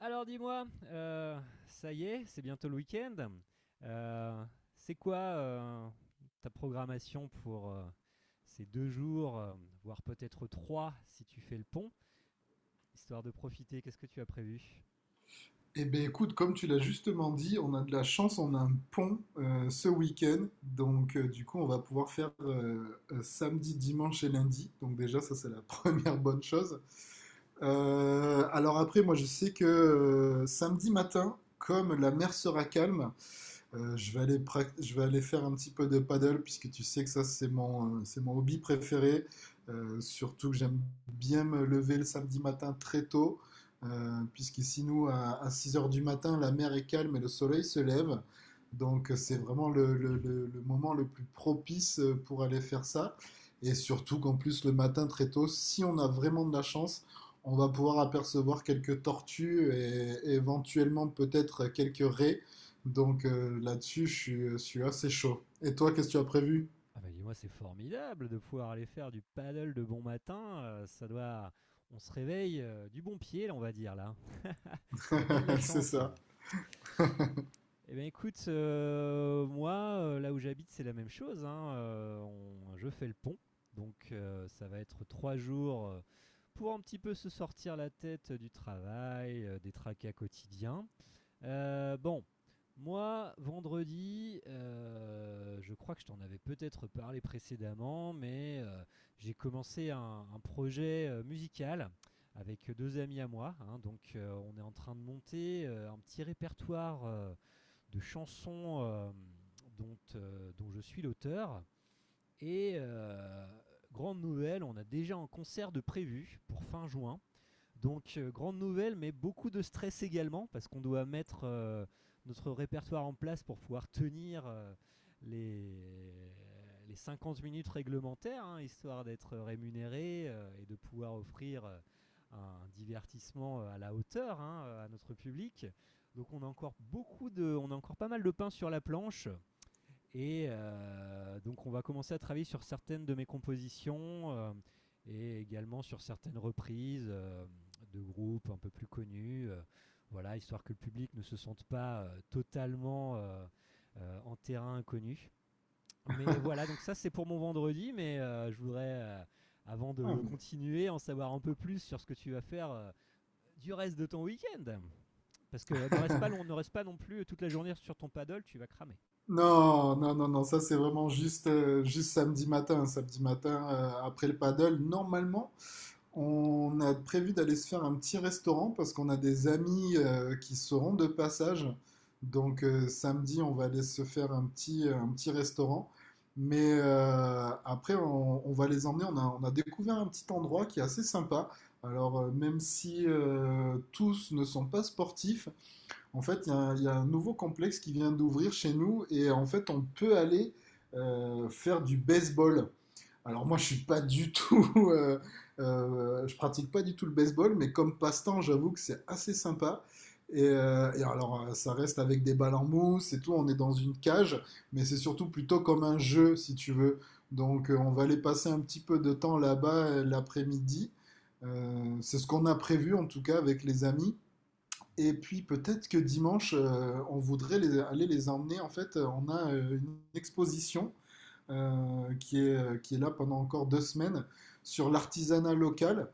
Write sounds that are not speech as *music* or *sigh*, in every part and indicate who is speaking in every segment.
Speaker 1: Alors dis-moi, ça y est, c'est bientôt le week-end. Euh, c'est quoi ta programmation pour ces 2 jours, voire peut-être trois si tu fais le pont, histoire de profiter. Qu'est-ce que tu as prévu?
Speaker 2: Eh bien, écoute, comme tu l'as justement dit, on a de la chance, on a un pont ce week-end. Donc, du coup, on va pouvoir faire samedi, dimanche et lundi. Donc, déjà, ça, c'est la *laughs* première bonne chose. Après, moi, je sais que samedi matin, comme la mer sera calme, je vais je vais aller faire un petit peu de paddle puisque tu sais que ça c'est mon hobby préféré. Surtout que j'aime bien me lever le samedi matin très tôt puisqu'ici à 6 heures du matin la mer est calme et le soleil se lève. Donc c'est
Speaker 1: Oh,
Speaker 2: vraiment le moment le plus propice pour aller faire ça. Et surtout qu'en plus le matin très tôt, si on a vraiment de la chance, on va pouvoir apercevoir quelques tortues et éventuellement peut-être quelques raies. Donc là-dessus, je suis assez chaud. Et toi, qu'est-ce que tu as prévu?
Speaker 1: ah bah dis-moi, c'est formidable de pouvoir aller faire du paddle de bon matin. On se réveille du bon pied, là, on va dire là. Tu as bien de la
Speaker 2: *laughs* C'est
Speaker 1: chance.
Speaker 2: ça.
Speaker 1: Eh bien écoute, moi, là où j'habite, c'est la même chose. Hein, je fais le pont, donc ça va être 3 jours, pour un petit peu se sortir la tête du travail, des tracas quotidiens. Bon, moi, vendredi, je crois que je t'en avais peut-être parlé précédemment, mais j'ai commencé un projet musical avec deux amis à moi. Hein, donc on est en train de monter un petit répertoire, de chansons, dont je suis l'auteur. Et grande nouvelle, on a déjà un concert de prévu pour fin juin, donc, grande nouvelle, mais beaucoup de stress également, parce qu'on doit mettre notre répertoire en place pour pouvoir tenir les, les 50 minutes réglementaires, hein, histoire d'être rémunéré et de pouvoir offrir un divertissement à la hauteur, hein, à notre public. Donc, on a encore pas mal de pain sur la planche. Et donc on va commencer à travailler sur certaines de mes compositions, et également sur certaines reprises, de groupes un peu plus connus, voilà, histoire que le public ne se sente pas totalement en terrain inconnu. Mais voilà, donc ça c'est pour mon vendredi, mais je voudrais, avant
Speaker 2: Ah,
Speaker 1: de
Speaker 2: mais
Speaker 1: continuer, en savoir un peu plus sur ce que tu vas faire du reste de ton week-end. Parce qu'on ne reste, pas long, on ne reste pas non plus toute la journée sur ton paddle, tu vas cramer.
Speaker 2: non, non, non, non, ça c'est vraiment juste samedi matin. Samedi matin, après le paddle, normalement, on a prévu d'aller se faire un petit restaurant parce qu'on a des amis qui seront de passage. Donc samedi, on va aller se faire un petit restaurant. Mais après, on va les emmener. On a découvert un petit endroit qui est assez sympa. Alors, même si tous ne sont pas sportifs, en fait, il y a un nouveau complexe qui vient d'ouvrir chez nous et en fait, on peut aller faire du baseball. Alors moi, je suis pas du tout, *laughs* euh, je pratique pas du tout le baseball, mais comme passe-temps, j'avoue que c'est assez sympa. Ça reste avec des balles en mousse et tout. On est dans une cage, mais c'est surtout plutôt comme un jeu, si tu veux. Donc, on va aller passer un petit peu de temps là-bas l'après-midi. C'est ce qu'on a prévu, en tout cas, avec les amis. Et puis peut-être que dimanche, on voudrait aller les emmener. En fait, on a une exposition qui est là pendant encore deux semaines sur l'artisanat local.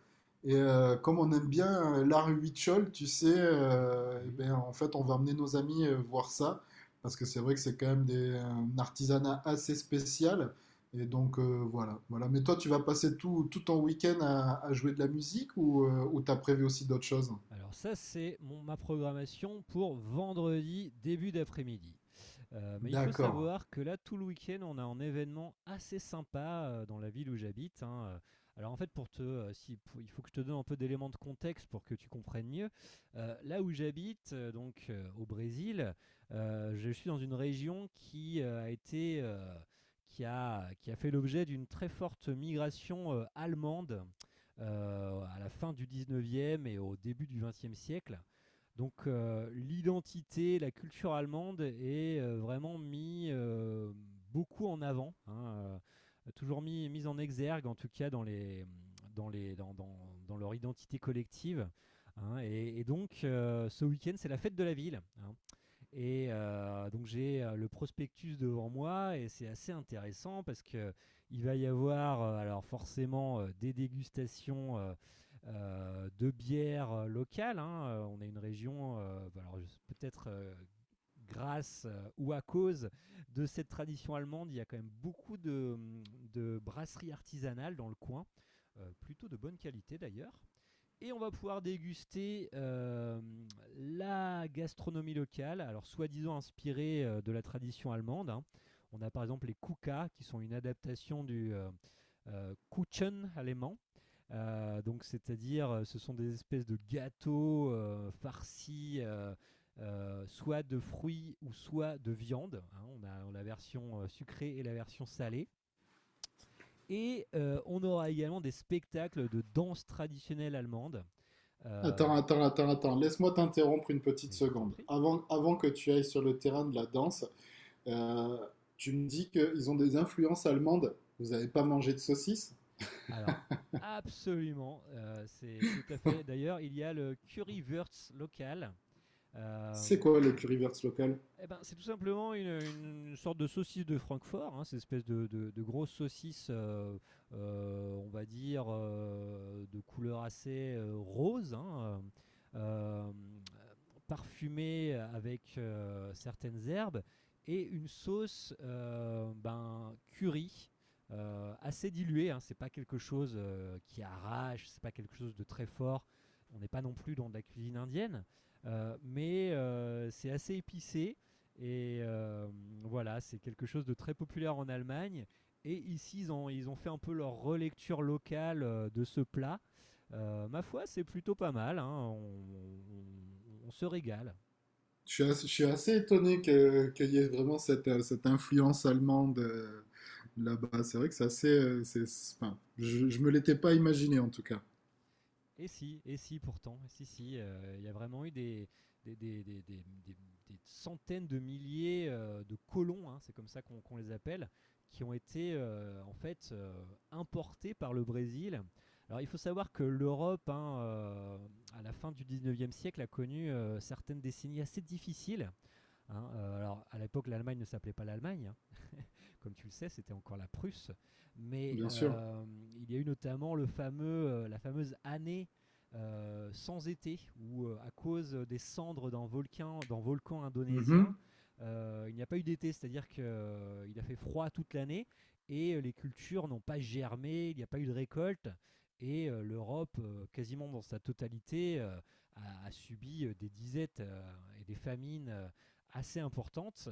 Speaker 2: Et comme on aime bien l'art huichol, tu sais, eh
Speaker 1: Oui.
Speaker 2: ben, en fait, on va emmener nos amis voir ça. Parce que c'est vrai que c'est quand même un artisanat assez spécial. Et donc voilà, voilà. Mais toi, tu vas passer tout ton week-end à jouer de la musique ou ou t'as prévu aussi d'autres choses?
Speaker 1: Alors ça, c'est ma programmation pour vendredi début d'après-midi. Mais il faut
Speaker 2: D'accord.
Speaker 1: savoir que là, tout le week-end, on a un événement assez sympa dans la ville où j'habite. Hein. Alors en fait, pour te, si, pour- il faut que je te donne un peu d'éléments de contexte pour que tu comprennes mieux. Là où j'habite, au Brésil, je suis dans une région qui a fait l'objet d'une très forte migration allemande à la fin du 19e et au début du 20e siècle. Donc l'identité, la culture allemande est vraiment mis beaucoup en avant, hein, toujours mis en exergue en tout cas dans, les, dans, les, dans, dans- dans leur identité collective. Hein. Et donc ce week-end c'est la fête de la ville. Hein. Et donc j'ai le prospectus devant moi et c'est assez intéressant parce que il va y avoir alors forcément des dégustations, de bières locales. Hein. On est une région, bah, alors peut-être grâce ou à cause de cette tradition allemande, il y a quand même beaucoup de brasseries artisanales dans le coin, plutôt de bonne qualité d'ailleurs. Et on va pouvoir déguster la gastronomie locale, alors soi-disant inspirée de la tradition allemande. Hein. On a par exemple les Kuka, qui sont une adaptation du Kuchen allemand. Donc, c'est-à-dire, ce sont des espèces de gâteaux farcis, soit de fruits ou soit de viande. Hein, on a la version sucrée et la version salée. Et on aura également des spectacles de danse traditionnelle allemande. Euh,
Speaker 2: Attends, attends, attends, attends. Laisse-moi t'interrompre une petite
Speaker 1: Mais je t'en
Speaker 2: seconde.
Speaker 1: prie.
Speaker 2: Avant que tu ailles sur le terrain de la danse, euh, tu me dis qu'ils ont des influences allemandes. Vous n'avez pas mangé de saucisses?
Speaker 1: Alors, absolument, c'est tout à fait. D'ailleurs, il y a le currywurst local. Euh,
Speaker 2: C'est quoi les currywurst locales?
Speaker 1: Eh ben, c'est tout simplement une sorte de saucisse de Francfort, hein, cette espèce de grosse saucisse, on va dire, de couleur assez rose, hein, euh, euh, parfumée avec certaines herbes, et une sauce ben, curry. Assez diluée, hein, c'est pas quelque chose qui arrache, c'est pas quelque chose de très fort. On n'est pas non plus dans de la cuisine indienne, mais c'est assez épicé et voilà, c'est quelque chose de très populaire en Allemagne. Et ici, ils ont fait un peu leur relecture locale de ce plat. Ma foi, c'est plutôt pas mal. Hein. On- on se régale.
Speaker 2: Je suis assez étonné qu'il y ait vraiment cette, cette influence allemande là-bas. C'est vrai que c'est assez... c'est- enfin, je me l'étais pas imaginé en tout cas.
Speaker 1: Et si pourtant, et si, si, il y a vraiment eu des, des, des, des- des- des centaines de milliers de colons, hein, c'est comme ça qu'on les appelle, qui ont été en fait importés par le Brésil. Alors il faut savoir que l'Europe, hein, à la fin du 19e siècle, a connu certaines décennies assez difficiles. Hein. Alors à l'époque, l'Allemagne ne s'appelait pas l'Allemagne, hein. Comme tu le sais, c'était encore la Prusse. Mais
Speaker 2: Bien sûr.
Speaker 1: euh, il y a eu notamment la fameuse année sans été, où à cause des cendres d'un volcan indonésien,
Speaker 2: Mhm.
Speaker 1: il n'y a pas eu d'été, c'est-à-dire qu'il a fait froid toute l'année et les cultures n'ont pas germé, il n'y a pas eu de récolte. Et l'Europe, quasiment dans sa totalité, a subi des disettes et des famines assez importantes.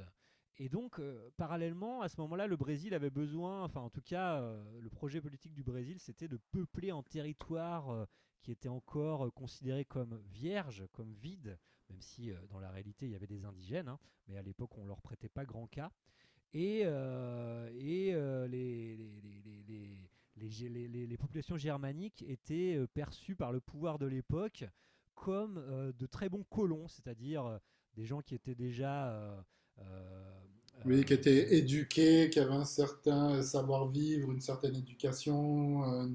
Speaker 1: Et donc, parallèlement, à ce moment-là, le Brésil avait besoin, enfin en tout cas, le projet politique du Brésil, c'était de peupler en territoire qui était encore considéré comme vierge, comme vide, même si dans la réalité, il y avait des indigènes, hein, mais à l'époque, on ne leur prêtait pas grand cas et les- populations germaniques étaient perçues par le pouvoir de l'époque comme de très bons colons, c'est-à-dire des gens qui étaient déjà euh,
Speaker 2: Oui, qui
Speaker 1: euh,
Speaker 2: était
Speaker 1: de-
Speaker 2: éduqué, qui avait un certain savoir-vivre, une certaine éducation.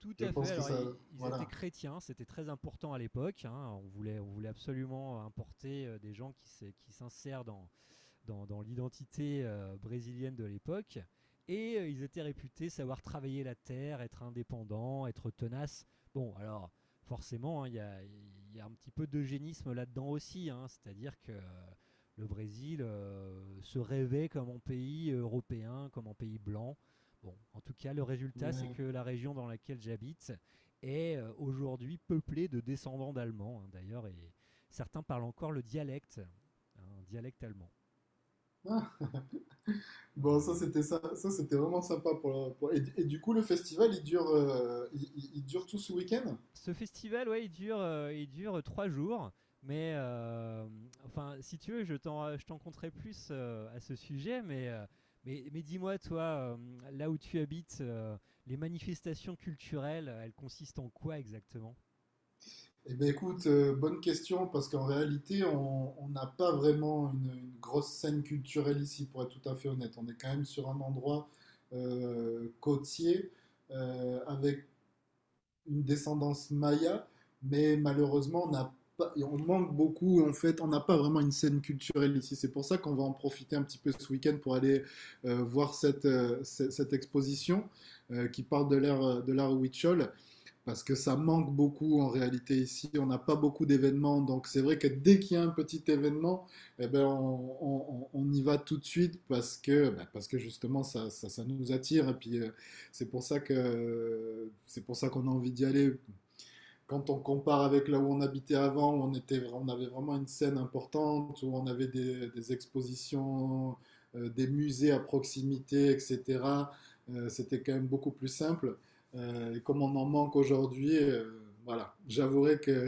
Speaker 1: tout
Speaker 2: Je
Speaker 1: à fait.
Speaker 2: pense que
Speaker 1: Alors
Speaker 2: ça,
Speaker 1: ils étaient
Speaker 2: voilà.
Speaker 1: chrétiens, c'était très important à l'époque. Hein, on voulait absolument importer des gens qui s'insèrent dans l'identité brésilienne de l'époque. Et ils étaient réputés savoir travailler la terre, être indépendants, être tenaces. Bon, alors forcément, hein, il hein, y a- y, a un petit peu d'eugénisme là-dedans aussi. Hein. C'est-à-dire que le Brésil se rêvait comme un pays européen, comme un pays blanc. Bon, en tout cas, le résultat, c'est
Speaker 2: Ouais.
Speaker 1: que la région dans laquelle j'habite est aujourd'hui peuplée de descendants d'Allemands, hein, d'ailleurs, et certains parlent encore le dialecte, hein, un dialecte allemand.
Speaker 2: Ah, bon, ça
Speaker 1: Voilà.
Speaker 2: c'était ça, ça c'était vraiment sympa et du coup, le festival, il dure tout ce week-end?
Speaker 1: Ce festival, ouais, il dure 3 jours, mais enfin, si tu veux, je t'en conterai plus à ce sujet, mais dis-moi, toi, là où tu habites, les manifestations culturelles, elles consistent en quoi exactement?
Speaker 2: Eh bien, écoute, bonne question parce qu'en réalité, on n'a pas vraiment une grosse scène culturelle ici, pour être tout à fait honnête. On est quand même sur un endroit côtier avec une descendance maya, mais malheureusement, on, a pas- on manque beaucoup. En fait, on n'a pas vraiment une scène culturelle ici. C'est pour ça qu'on va en profiter un petit peu ce week-end pour aller voir cette exposition qui parle de l'ère de l'art Huichol parce que ça manque beaucoup en réalité ici. On n'a pas beaucoup d'événements, donc c'est vrai que dès qu'il y a un petit événement, eh ben on y va tout de suite parce que, ben, parce que justement ça nous attire. Et puis c'est pour ça que c'est pour ça qu'on a envie d'y aller quand on compare avec là où on habitait avant, on avait vraiment une scène importante, où on avait des expositions, des musées à proximité, etc., c'était quand même beaucoup plus simple. Et comme on en manque aujourd'hui, voilà, j'avouerai que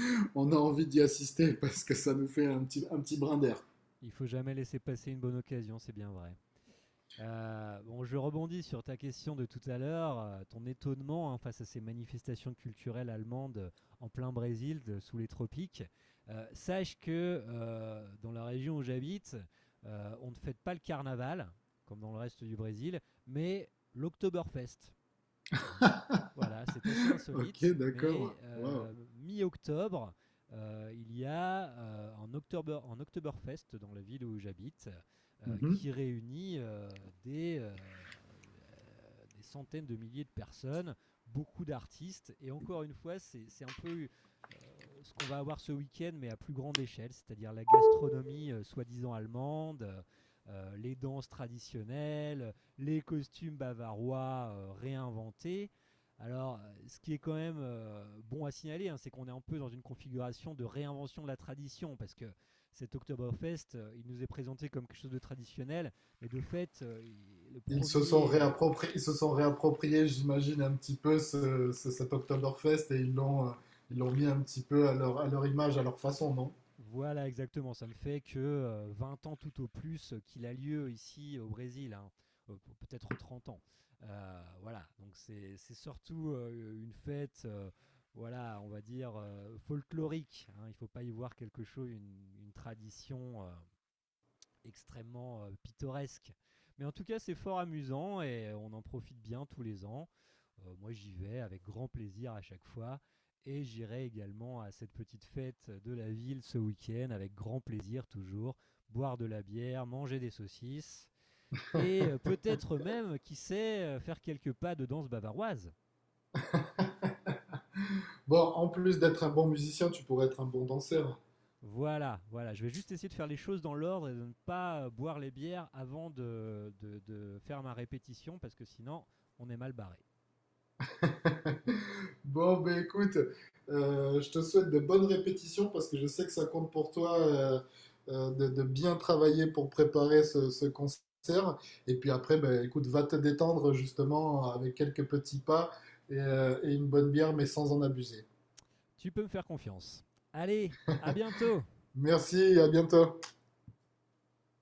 Speaker 2: *laughs* on a envie d'y assister parce que ça nous fait un petit brin d'air.
Speaker 1: Il faut jamais laisser passer une bonne occasion, c'est bien vrai. Bon, je rebondis sur ta question de tout à l'heure, ton étonnement hein, face à ces manifestations culturelles allemandes en plein Brésil, sous les tropiques. Sache que dans la région où j'habite, on ne fête pas le carnaval, comme dans le reste du Brésil, mais l'Oktoberfest hein. Voilà, c'est assez
Speaker 2: *laughs* Ok,
Speaker 1: insolite,
Speaker 2: d'accord.
Speaker 1: mais
Speaker 2: Waouh.
Speaker 1: euh, mi-octobre, il y a un Oktoberfest dans la ville où j'habite
Speaker 2: Mm -hmm.
Speaker 1: qui réunit des centaines de milliers de personnes, beaucoup d'artistes, et encore une fois, c'est un peu euh, ce qu'on va avoir ce week-end, mais à plus grande échelle, c'est-à-dire la gastronomie soi-disant allemande, les danses traditionnelles, les costumes bavarois réinventés. Alors, ce qui est quand même bon à signaler, hein, c'est qu'on est un peu dans une configuration de réinvention de la tradition, parce que cet Oktoberfest, il nous est présenté comme quelque chose de traditionnel, mais de fait, le
Speaker 2: Ils se sont
Speaker 1: premier
Speaker 2: réappropriés, ils se sont réappropriés, j'imagine, un petit peu cet Oktoberfest et ils l'ont mis un petit peu à à leur image, à leur façon, non?
Speaker 1: voilà, exactement. Ça ne fait que 20 ans tout au plus qu'il a lieu ici au Brésil, hein. Peut-être 30 ans. Voilà, donc c'est surtout une fête, voilà, on va dire folklorique. Hein. Il ne faut pas y voir quelque chose, une tradition. Extrêmement pittoresque. Mais en tout cas, c'est fort amusant et on en profite bien tous les ans. Moi, j'y vais avec grand plaisir à chaque fois. Et j'irai également à cette petite fête de la ville ce week-end avec grand plaisir toujours, boire de la bière, manger des saucisses et peut-être même, qui sait, faire quelques pas de danse bavaroise.
Speaker 2: Bon, en plus d'être un bon musicien, tu pourrais être un bon danseur.
Speaker 1: Voilà, voilà, je vais juste essayer de faire les choses dans l'ordre et de ne pas boire les bières avant de faire ma répétition parce que sinon on est mal barré.
Speaker 2: *laughs* Bon, ben écoute, je te souhaite de bonnes répétitions parce que je sais que ça compte pour toi de bien travailler pour préparer ce concert. Et puis après, ben écoute, va te détendre justement avec quelques petits pas et une bonne bière, mais sans en abuser.
Speaker 1: Tu peux me faire confiance. Allez, à bientôt.
Speaker 2: Merci, à bientôt.